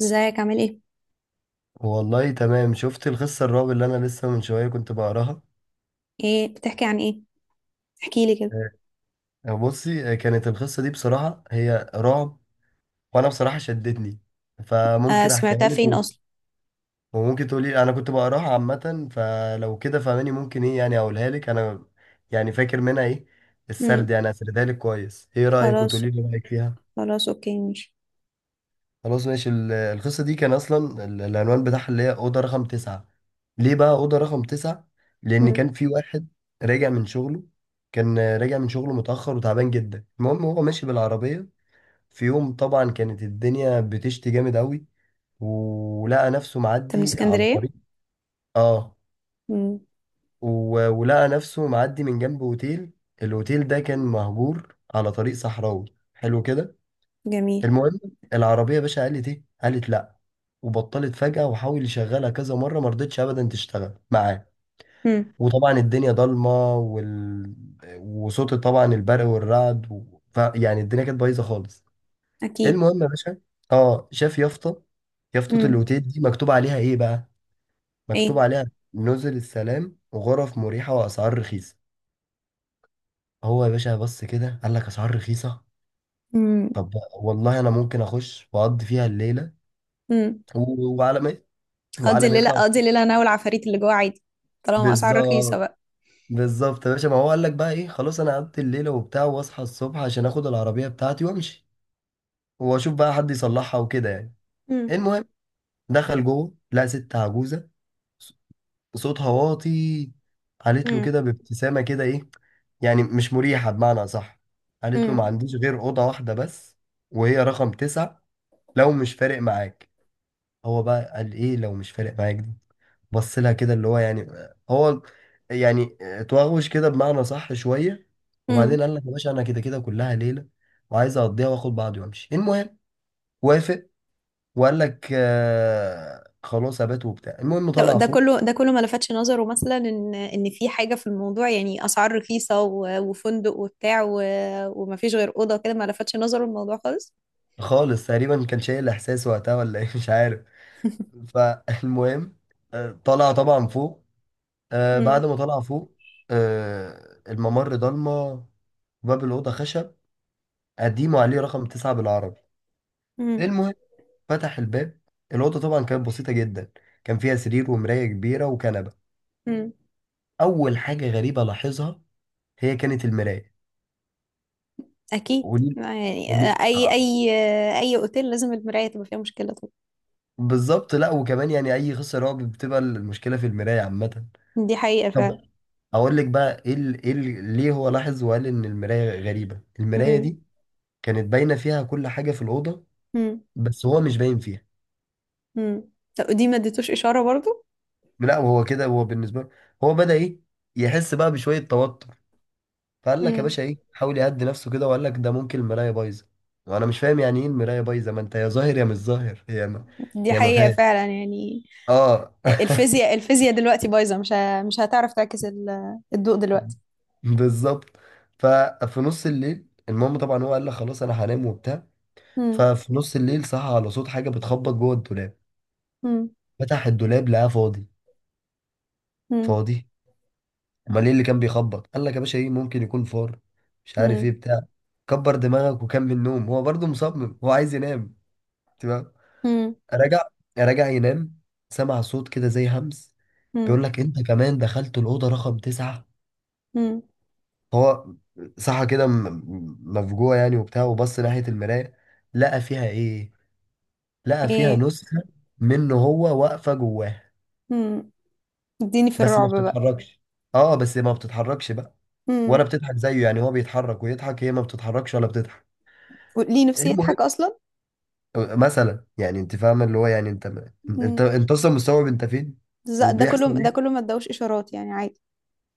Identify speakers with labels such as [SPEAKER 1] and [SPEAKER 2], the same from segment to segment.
[SPEAKER 1] ازيك؟ عامل ايه؟
[SPEAKER 2] والله تمام، شفت القصة الرعب اللي أنا لسه من شوية كنت بقراها.
[SPEAKER 1] ايه بتحكي عن ايه؟ احكي لي كده.
[SPEAKER 2] آه، بصي، كانت القصة دي بصراحة هي رعب. وأنا بصراحة شدتني،
[SPEAKER 1] آه،
[SPEAKER 2] فممكن أحكيها
[SPEAKER 1] سمعتها
[SPEAKER 2] لك
[SPEAKER 1] فين اصلا؟
[SPEAKER 2] وممكن تقولي أنا كنت بقراها عامة، فلو كده فهماني ممكن إيه يعني أقولها لك أنا. يعني فاكر منها إيه؟ السرد
[SPEAKER 1] امم.
[SPEAKER 2] يعني هسردها لك كويس، إيه رأيك؟
[SPEAKER 1] خلاص.
[SPEAKER 2] وتقولي لي رأيك فيها.
[SPEAKER 1] خلاص اوكي ماشي.
[SPEAKER 2] خلاص ماشي، القصة دي كان أصلا العنوان بتاعها اللي هي أوضة رقم تسعة. ليه بقى أوضة رقم تسعة؟
[SPEAKER 1] امم.
[SPEAKER 2] لأن
[SPEAKER 1] انت
[SPEAKER 2] كان في واحد راجع من شغله كان راجع من شغله متأخر وتعبان جدا. المهم، هو ماشي بالعربية، في يوم طبعا كانت الدنيا بتشتي جامد أوي، ولقى نفسه
[SPEAKER 1] من
[SPEAKER 2] معدي على طريق،
[SPEAKER 1] اسكندريه؟
[SPEAKER 2] آه
[SPEAKER 1] امم.
[SPEAKER 2] ولقى نفسه معدي من جنب أوتيل. الأوتيل ده كان مهجور على طريق صحراوي. حلو كده.
[SPEAKER 1] جميل.
[SPEAKER 2] المهم، العربية يا باشا قالت ايه؟ قالت لا، وبطلت فجأة، وحاول يشغلها كذا مرة ما رضتش ابدا تشتغل معاه.
[SPEAKER 1] امم.
[SPEAKER 2] وطبعا الدنيا ضلمة، وصوت طبعا البرق والرعد، يعني الدنيا كانت بايظة خالص.
[SPEAKER 1] اكيد.
[SPEAKER 2] المهم يا باشا، اه شاف يافطة
[SPEAKER 1] امم.
[SPEAKER 2] الاوتيل دي مكتوب عليها ايه بقى؟ مكتوب
[SPEAKER 1] ايه؟
[SPEAKER 2] عليها نزل السلام وغرف مريحة واسعار رخيصة. هو يا باشا بص كده، قال لك اسعار رخيصة.
[SPEAKER 1] امم.
[SPEAKER 2] طب، والله انا ممكن اخش واقضي فيها الليلة،
[SPEAKER 1] امم.
[SPEAKER 2] و... وعلى ما
[SPEAKER 1] اقضي
[SPEAKER 2] وعلى ما
[SPEAKER 1] الليله،
[SPEAKER 2] يطلع.
[SPEAKER 1] اقضي الليله انا والعفاريت اللي جوه عادي، طالما اسعار رخيصه
[SPEAKER 2] بالظبط.
[SPEAKER 1] بقى.
[SPEAKER 2] بالظبط يا باشا، ما هو قال لك بقى ايه، خلاص انا قعدت الليله وبتاع، واصحى الصبح عشان اخد العربيه بتاعتي وامشي، واشوف بقى حد يصلحها وكده يعني.
[SPEAKER 1] امم.
[SPEAKER 2] المهم، دخل جوه لقى ست عجوزه، ص- صوتها واطي. قالت له
[SPEAKER 1] امم.
[SPEAKER 2] كده بابتسامه كده ايه، يعني مش مريحه بمعنى صح. قالت له ما
[SPEAKER 1] امم.
[SPEAKER 2] عنديش غير اوضه واحده بس، وهي رقم تسعة، لو مش فارق معاك. هو بقى قال ايه لو مش فارق معاك دي، بص لها كده اللي هو يعني، هو يعني توغوش كده بمعنى صح شويه. وبعدين
[SPEAKER 1] امم.
[SPEAKER 2] قال لك يا باشا، انا كده كده كلها ليله وعايز اقضيها واخد بعضي وامشي. المهم، وافق وقال لك آه خلاص ابات وبتاع. المهم، طلع
[SPEAKER 1] طب ده
[SPEAKER 2] فوق.
[SPEAKER 1] كله ده كله ما لفتش نظره، مثلا ان في حاجه في الموضوع، يعني اسعار رخيصه وفندق وبتاع ومفيش غير اوضه كده، ما لفتش نظره الموضوع خالص؟
[SPEAKER 2] خالص تقريبا، كان شايل احساس وقتها ولا ايه مش عارف. فالمهم، طلع طبعا فوق.
[SPEAKER 1] مم.
[SPEAKER 2] بعد ما طلع فوق، الممر ضلمه. باب الاوضه خشب قديمه، عليه رقم تسعة بالعربي.
[SPEAKER 1] امم.
[SPEAKER 2] المهم، فتح الباب. الأوضة طبعا كانت بسيطة جدا، كان فيها سرير ومراية كبيرة وكنبة.
[SPEAKER 1] امم.
[SPEAKER 2] أول حاجة غريبة لاحظها هي كانت المراية.
[SPEAKER 1] اكيد.
[SPEAKER 2] قولي.
[SPEAKER 1] يعني
[SPEAKER 2] قولي،
[SPEAKER 1] اي
[SPEAKER 2] آه،
[SPEAKER 1] اي اي اوتيل لازم المرايه تبقى فيها مشكله طبعا.
[SPEAKER 2] بالظبط. لا وكمان يعني أي قصة رعب بتبقى المشكلة في المراية عامة.
[SPEAKER 1] دي حقيقه
[SPEAKER 2] طب،
[SPEAKER 1] فعلا.
[SPEAKER 2] أقول لك بقى إيه ليه هو لاحظ وقال إن المراية غريبة. المراية
[SPEAKER 1] امم.
[SPEAKER 2] دي كانت باينة فيها كل حاجة في الأوضة،
[SPEAKER 1] امم.
[SPEAKER 2] بس هو مش باين فيها.
[SPEAKER 1] امم. طب دي ما اديتوش اشاره برضو؟
[SPEAKER 2] لا وهو كده، هو بالنسبة له، هو بدأ إيه، يحس بقى بشوية توتر. فقال لك يا
[SPEAKER 1] امم.
[SPEAKER 2] باشا ايه، حاول يهدي نفسه كده وقال لك ده ممكن المرايه بايظه. وانا مش فاهم يعني ايه المرايه بايظه، ما انت يا ظاهر يا مش ظاهر.
[SPEAKER 1] دي
[SPEAKER 2] هي ما
[SPEAKER 1] حقيقه
[SPEAKER 2] فاهم.
[SPEAKER 1] فعلا، يعني
[SPEAKER 2] اه
[SPEAKER 1] الفيزياء دلوقتي بايظه، مش هتعرف تعكس الضوء دلوقتي.
[SPEAKER 2] بالظبط. ففي نص الليل، المهم طبعا هو قال لك خلاص انا هنام وبتاع.
[SPEAKER 1] امم.
[SPEAKER 2] ففي نص الليل صحى على صوت حاجه بتخبط جوه الدولاب.
[SPEAKER 1] امم.
[SPEAKER 2] فتح الدولاب لقاه فاضي.
[SPEAKER 1] امم.
[SPEAKER 2] فاضي، امال ايه اللي كان بيخبط؟ قال لك يا باشا ايه، ممكن يكون فار، مش عارف ايه
[SPEAKER 1] امم.
[SPEAKER 2] بتاع. كبر دماغك وكمل نوم. هو برضه مصمم، هو عايز ينام.
[SPEAKER 1] امم.
[SPEAKER 2] راجع راجع ينام. سمع صوت كده زي همس، بيقول
[SPEAKER 1] امم.
[SPEAKER 2] لك انت كمان دخلت الأوضة رقم تسعة.
[SPEAKER 1] امم.
[SPEAKER 2] هو صحى كده مفجوع يعني وبتاع، وبص ناحية المراية. لقى فيها ايه؟ لقى فيها
[SPEAKER 1] ايه؟
[SPEAKER 2] نسخة منه هو واقفة جواه.
[SPEAKER 1] امم. اديني في
[SPEAKER 2] بس ما
[SPEAKER 1] الرعب بقى.
[SPEAKER 2] بتتحركش. اه بس ما بتتحركش بقى،
[SPEAKER 1] امم.
[SPEAKER 2] ولا بتضحك زيه. يعني هو بيتحرك ويضحك، هي ما بتتحركش ولا بتضحك.
[SPEAKER 1] ليه؟ نفسي
[SPEAKER 2] المهم،
[SPEAKER 1] يضحك اصلا.
[SPEAKER 2] مثلا يعني انت فاهم اللي هو يعني
[SPEAKER 1] امم.
[SPEAKER 2] انت اصلا مستوعب انت فين
[SPEAKER 1] ده كله
[SPEAKER 2] وبيحصل
[SPEAKER 1] ده كله
[SPEAKER 2] إيه؟
[SPEAKER 1] ما ادوش اشارات يعني؟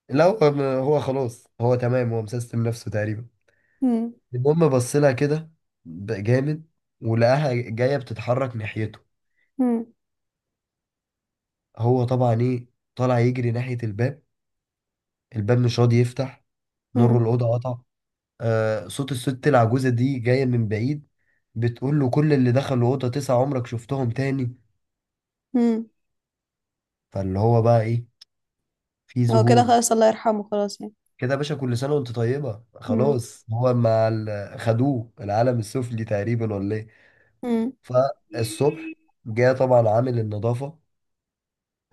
[SPEAKER 2] لا هو هو خلاص، هو تمام، هو مسيستم نفسه تقريبا.
[SPEAKER 1] عادي.
[SPEAKER 2] المهم، بص لها كده جامد، ولقاها جايه بتتحرك ناحيته.
[SPEAKER 1] مم.
[SPEAKER 2] هو طبعا ايه، طالع يجري ناحيه الباب. الباب مش راضي يفتح. نور
[SPEAKER 1] مم.
[SPEAKER 2] الاوضه قطع. صوت الست العجوزه دي جايه من بعيد، بتقول له كل اللي دخلوا الاوضه تسعه عمرك شفتهم تاني؟
[SPEAKER 1] مم.
[SPEAKER 2] فاللي هو بقى ايه، في
[SPEAKER 1] هو كده
[SPEAKER 2] ذهول.
[SPEAKER 1] خلاص، الله يرحمه خلاص يعني.
[SPEAKER 2] كده يا باشا، كل سنه وانت طيبه،
[SPEAKER 1] مم.
[SPEAKER 2] خلاص. هو مع خدوه العالم السفلي تقريبا ولا ايه؟
[SPEAKER 1] مم.
[SPEAKER 2] فالصبح جه طبعا عامل النظافة،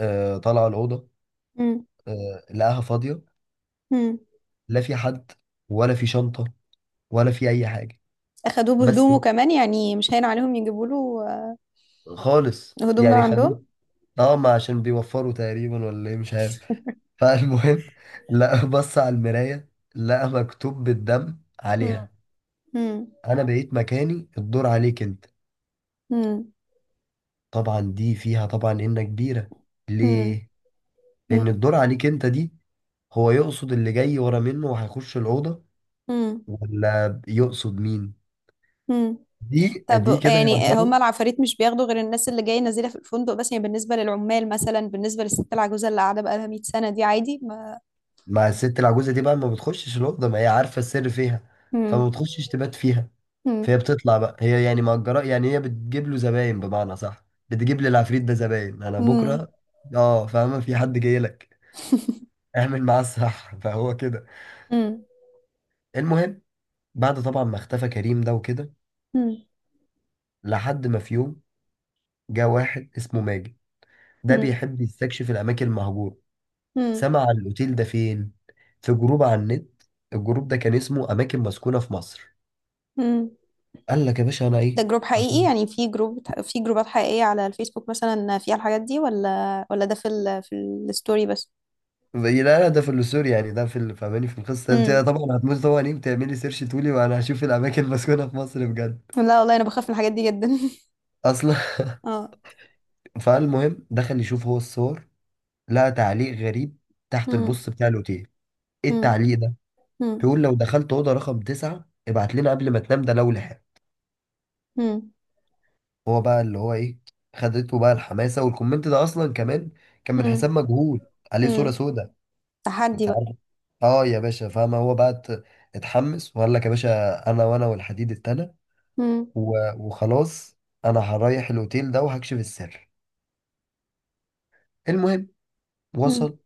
[SPEAKER 2] طلع الأوضة،
[SPEAKER 1] مم.
[SPEAKER 2] لقاها فاضية.
[SPEAKER 1] مم.
[SPEAKER 2] لا في حد، ولا في شنطة، ولا في أي حاجة.
[SPEAKER 1] أخدوه
[SPEAKER 2] بس.
[SPEAKER 1] بهدومه كمان يعني؟ مش هين عليهم يجيبوا له
[SPEAKER 2] خالص
[SPEAKER 1] آه، هدوم من
[SPEAKER 2] يعني خدوه.
[SPEAKER 1] عندهم.
[SPEAKER 2] اه ما عشان بيوفروا تقريبا ولا ايه، مش عارف. فالمهم لقى، بص على المراية، لقى مكتوب بالدم
[SPEAKER 1] مم.
[SPEAKER 2] عليها:
[SPEAKER 1] مم.
[SPEAKER 2] انا بقيت مكاني، الدور عليك انت.
[SPEAKER 1] مم.
[SPEAKER 2] طبعا دي فيها طبعا انك كبيرة.
[SPEAKER 1] مم.
[SPEAKER 2] ليه؟ لان
[SPEAKER 1] مم.
[SPEAKER 2] الدور عليك انت دي، هو يقصد اللي جاي ورا منه وهيخش الأوضة،
[SPEAKER 1] مم.
[SPEAKER 2] ولا يقصد مين؟
[SPEAKER 1] مم.
[SPEAKER 2] دي
[SPEAKER 1] طب
[SPEAKER 2] كده يا
[SPEAKER 1] يعني
[SPEAKER 2] ترى؟
[SPEAKER 1] هما العفاريت مش بياخدوا غير الناس اللي جاية نازلة في الفندق بس؟ يعني بالنسبة للعمال، مثلا بالنسبة للست العجوزة اللي قاعدة بقالها 100 سنة دي عادي ما.
[SPEAKER 2] مع الست العجوزه دي بقى، ما بتخشش الاوضه، ما هي عارفه السر فيها. فما
[SPEAKER 1] مم.
[SPEAKER 2] بتخشش تبات فيها،
[SPEAKER 1] مم.
[SPEAKER 2] فهي بتطلع بقى. هي يعني مأجره يعني، هي بتجيب له زباين بمعنى صح. بتجيب للعفريت ده زباين، انا
[SPEAKER 1] مم.
[SPEAKER 2] بكره. اه فاهمه، في حد جاي لك، اعمل معاه الصح فهو كده.
[SPEAKER 1] مم.
[SPEAKER 2] المهم، بعد طبعا ما اختفى كريم ده وكده،
[SPEAKER 1] مم.
[SPEAKER 2] لحد ما في يوم جه واحد اسمه ماجد. ده بيحب يستكشف الاماكن المهجوره.
[SPEAKER 1] مم.
[SPEAKER 2] سمع عن الأوتيل ده فين؟ في جروب على النت. الجروب ده كان اسمه أماكن مسكونة في مصر.
[SPEAKER 1] مم.
[SPEAKER 2] قال لك يا باشا أنا
[SPEAKER 1] ده
[SPEAKER 2] إيه؟
[SPEAKER 1] جروب
[SPEAKER 2] هشوف.
[SPEAKER 1] حقيقي يعني؟ في جروب، في جروبات حقيقية على الفيسبوك مثلا فيها الحاجات دي ولا ده في ال في الستوري بس؟
[SPEAKER 2] لا لا، ده في السور يعني، ده في فاهماني في القصة. أنت
[SPEAKER 1] امم.
[SPEAKER 2] طبعا هتموت طبعا، إيه بتعملي سيرش تقولي وأنا هشوف الأماكن المسكونة في مصر بجد
[SPEAKER 1] لا والله انا بخاف من الحاجات دي جدا.
[SPEAKER 2] أصلا
[SPEAKER 1] اه.
[SPEAKER 2] فالمهم، دخل يشوف هو الصور، لقى تعليق غريب تحت
[SPEAKER 1] امم.
[SPEAKER 2] البوست بتاع الأوتيل. إيه
[SPEAKER 1] امم.
[SPEAKER 2] التعليق ده؟
[SPEAKER 1] امم.
[SPEAKER 2] بيقول لو دخلت أوضة رقم تسعة ابعت لنا قبل ما تنام، ده لو لحقت.
[SPEAKER 1] امم.
[SPEAKER 2] هو بقى اللي هو ايه، خدته بقى الحماسه. والكومنت ده اصلا كمان كان من
[SPEAKER 1] امم.
[SPEAKER 2] حساب مجهول، عليه صوره
[SPEAKER 1] امم.
[SPEAKER 2] سوداء،
[SPEAKER 1] تحدي
[SPEAKER 2] انت
[SPEAKER 1] بقى.
[SPEAKER 2] عارف. اه يا باشا فاهم، هو بقى اتحمس وقال لك يا باشا انا، والحديد التاني،
[SPEAKER 1] امم.
[SPEAKER 2] وخلاص انا هريح الاوتيل ده وهكشف السر. المهم،
[SPEAKER 1] امم.
[SPEAKER 2] وصل.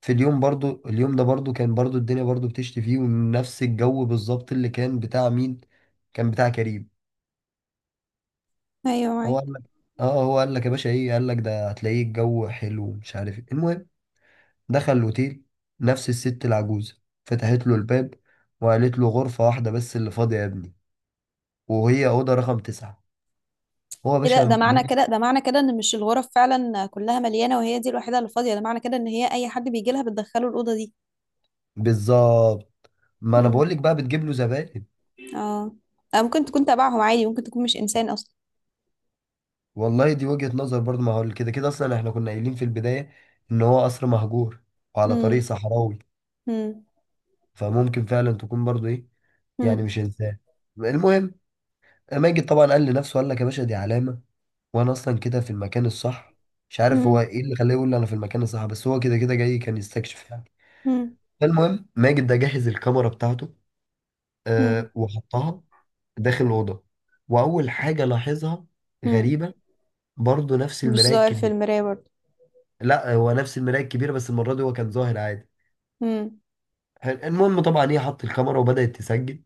[SPEAKER 2] في اليوم برضو، اليوم ده برضو كان برضو الدنيا برضو بتشتي فيه، ونفس الجو بالظبط اللي كان بتاع مين؟ كان بتاع كريم.
[SPEAKER 1] ايوه
[SPEAKER 2] هو
[SPEAKER 1] معاك.
[SPEAKER 2] قال لك، يا باشا ايه، قال لك ده هتلاقيه الجو حلو ومش عارف ايه. المهم، دخل الأوتيل. نفس الست العجوزة فتحت له الباب، وقالت له غرفة واحدة بس اللي فاضية يا ابني، وهي أوضة رقم تسعة. هو يا
[SPEAKER 1] ايه
[SPEAKER 2] باشا
[SPEAKER 1] ده؟ ده معنى
[SPEAKER 2] مالك.
[SPEAKER 1] كده ده معنى كده ان مش الغرف فعلا كلها مليانة وهي دي الوحيدة اللي فاضية؟ ده معنى كده ان هي اي حد بيجي لها بتدخله الأوضة دي.
[SPEAKER 2] بالظبط، ما أنا
[SPEAKER 1] امم.
[SPEAKER 2] بقولك بقى، بتجيب له زباين.
[SPEAKER 1] اه. آه، ممكن تكون تبعهم عادي، ممكن تكون مش انسان اصلا.
[SPEAKER 2] والله دي وجهة نظر برضه، ما هو كده كده أصلا إحنا كنا قايلين في البداية إن هو قصر مهجور، وعلى طريق
[SPEAKER 1] امم.
[SPEAKER 2] صحراوي، فممكن فعلا تكون برضه إيه، يعني
[SPEAKER 1] امم.
[SPEAKER 2] مش إنسان. المهم، ماجد طبعا قال لنفسه، قال لك يا باشا دي علامة، وانا اصلا كده في المكان الصح. مش عارف هو
[SPEAKER 1] امم.
[SPEAKER 2] ايه اللي خلاه يقول لي انا في المكان الصح، بس هو كده كده جاي كان يستكشف يعني. فالمهم، ماجد ده جهز الكاميرا بتاعته.
[SPEAKER 1] مم.
[SPEAKER 2] وحطها داخل الاوضه. واول حاجه لاحظها
[SPEAKER 1] مم.
[SPEAKER 2] غريبه، برضه نفس
[SPEAKER 1] مش
[SPEAKER 2] المرايه
[SPEAKER 1] ظاهر في
[SPEAKER 2] الكبيره.
[SPEAKER 1] المراية برضه؟
[SPEAKER 2] لا، هو نفس المرايه الكبيره، بس المره دي هو كان ظاهر عادي.
[SPEAKER 1] مم.
[SPEAKER 2] حلو. المهم طبعا، هي حط الكاميرا وبدات تسجل.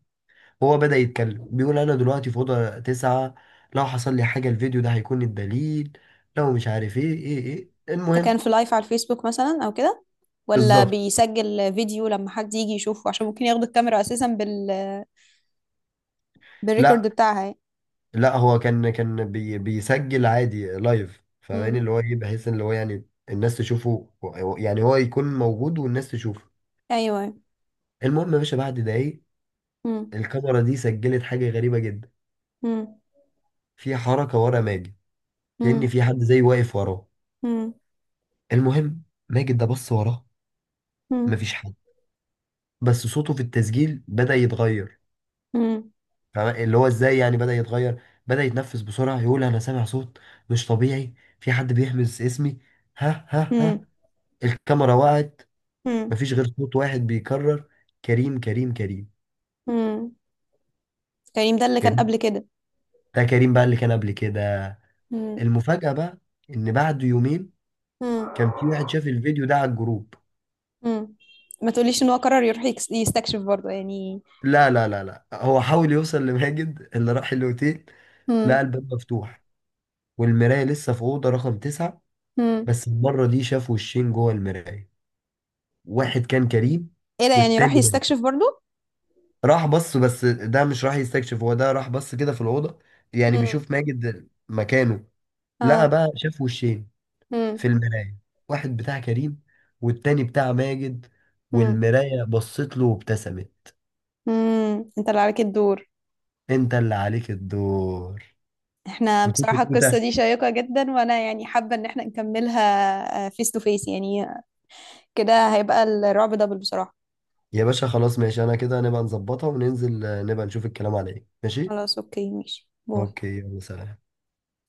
[SPEAKER 2] هو بدا يتكلم، بيقول انا دلوقتي في اوضه تسعة، لو حصل لي حاجه الفيديو ده هيكون الدليل، لو مش عارف ايه
[SPEAKER 1] ده كان
[SPEAKER 2] المهم.
[SPEAKER 1] في لايف على الفيسبوك مثلا او كده، ولا
[SPEAKER 2] بالظبط.
[SPEAKER 1] بيسجل فيديو لما حد يجي يشوفه عشان ممكن ياخدوا الكاميرا اساسا بالريكورد
[SPEAKER 2] لا
[SPEAKER 1] بتاعها يعني.
[SPEAKER 2] لا، هو كان بيسجل عادي لايف، فاهماني
[SPEAKER 1] مم.
[SPEAKER 2] اللي هو ايه، بحيث ان اللي هو يعني الناس تشوفه، يعني هو يكون موجود والناس تشوفه.
[SPEAKER 1] ايوه.
[SPEAKER 2] المهم يا باشا بعد دقايق،
[SPEAKER 1] مم.
[SPEAKER 2] الكاميرا دي سجلت حاجة غريبة جدا.
[SPEAKER 1] مم.
[SPEAKER 2] في حركة ورا ماجد، كأن
[SPEAKER 1] مم.
[SPEAKER 2] في حد زي واقف وراه.
[SPEAKER 1] مم.
[SPEAKER 2] المهم، ماجد ده بص وراه،
[SPEAKER 1] مم.
[SPEAKER 2] مفيش حد. بس صوته في التسجيل بدأ يتغير.
[SPEAKER 1] مم.
[SPEAKER 2] فاهمة؟ اللي هو ازاي يعني، بدأ يتغير، بدأ يتنفس بسرعة، يقول انا سامع صوت مش طبيعي، في حد بيهمس اسمي، ها ها
[SPEAKER 1] مم.
[SPEAKER 2] ها. الكاميرا وقعت،
[SPEAKER 1] مم.
[SPEAKER 2] مفيش غير صوت واحد بيكرر: كريم، كريم، كريم.
[SPEAKER 1] مم. كريم ده اللي كان
[SPEAKER 2] كريم
[SPEAKER 1] قبل كده؟
[SPEAKER 2] ده كريم بقى اللي كان قبل كده.
[SPEAKER 1] مم.
[SPEAKER 2] المفاجأة بقى، إن بعد يومين
[SPEAKER 1] مم.
[SPEAKER 2] كان في واحد شاف الفيديو ده على الجروب.
[SPEAKER 1] مم. ما تقوليش ان هو قرر يروح يستكشف برضه يعني.
[SPEAKER 2] لا لا لا لا، هو حاول يوصل لماجد اللي راح الأوتيل.
[SPEAKER 1] مم.
[SPEAKER 2] لقى الباب مفتوح، والمراية لسه في أوضة رقم تسعة.
[SPEAKER 1] مم.
[SPEAKER 2] بس المرة دي شاف وشين جوه المراية، واحد كان كريم
[SPEAKER 1] ايه ده، يعني
[SPEAKER 2] والتاني
[SPEAKER 1] راح
[SPEAKER 2] ماجد.
[SPEAKER 1] يستكشف برضه؟
[SPEAKER 2] راح بص، بس ده مش راح يستكشف، هو ده راح بص كده في الأوضة، يعني
[SPEAKER 1] مم.
[SPEAKER 2] بيشوف ماجد مكانه. لقى
[SPEAKER 1] اه.
[SPEAKER 2] بقى شاف وشين في
[SPEAKER 1] مم.
[SPEAKER 2] المراية، واحد بتاع كريم والتاني بتاع ماجد.
[SPEAKER 1] مم.
[SPEAKER 2] والمراية بصت له وابتسمت:
[SPEAKER 1] امم، انت اللي عليك الدور.
[SPEAKER 2] انت اللي عليك الدور.
[SPEAKER 1] احنا
[SPEAKER 2] وتوتو
[SPEAKER 1] بصراحة القصة
[SPEAKER 2] توتة.
[SPEAKER 1] دي شيقة جدا، وانا يعني حابة ان احنا نكملها فيس تو فيس يعني. كده هيبقى الرعب دبل بصراحة.
[SPEAKER 2] يا باشا خلاص ماشي، انا كده نبقى نظبطها وننزل، نبقى نشوف الكلام على ايه، ماشي.
[SPEAKER 1] خلاص اوكي ماشي، باي.
[SPEAKER 2] اوكي يلا سلام.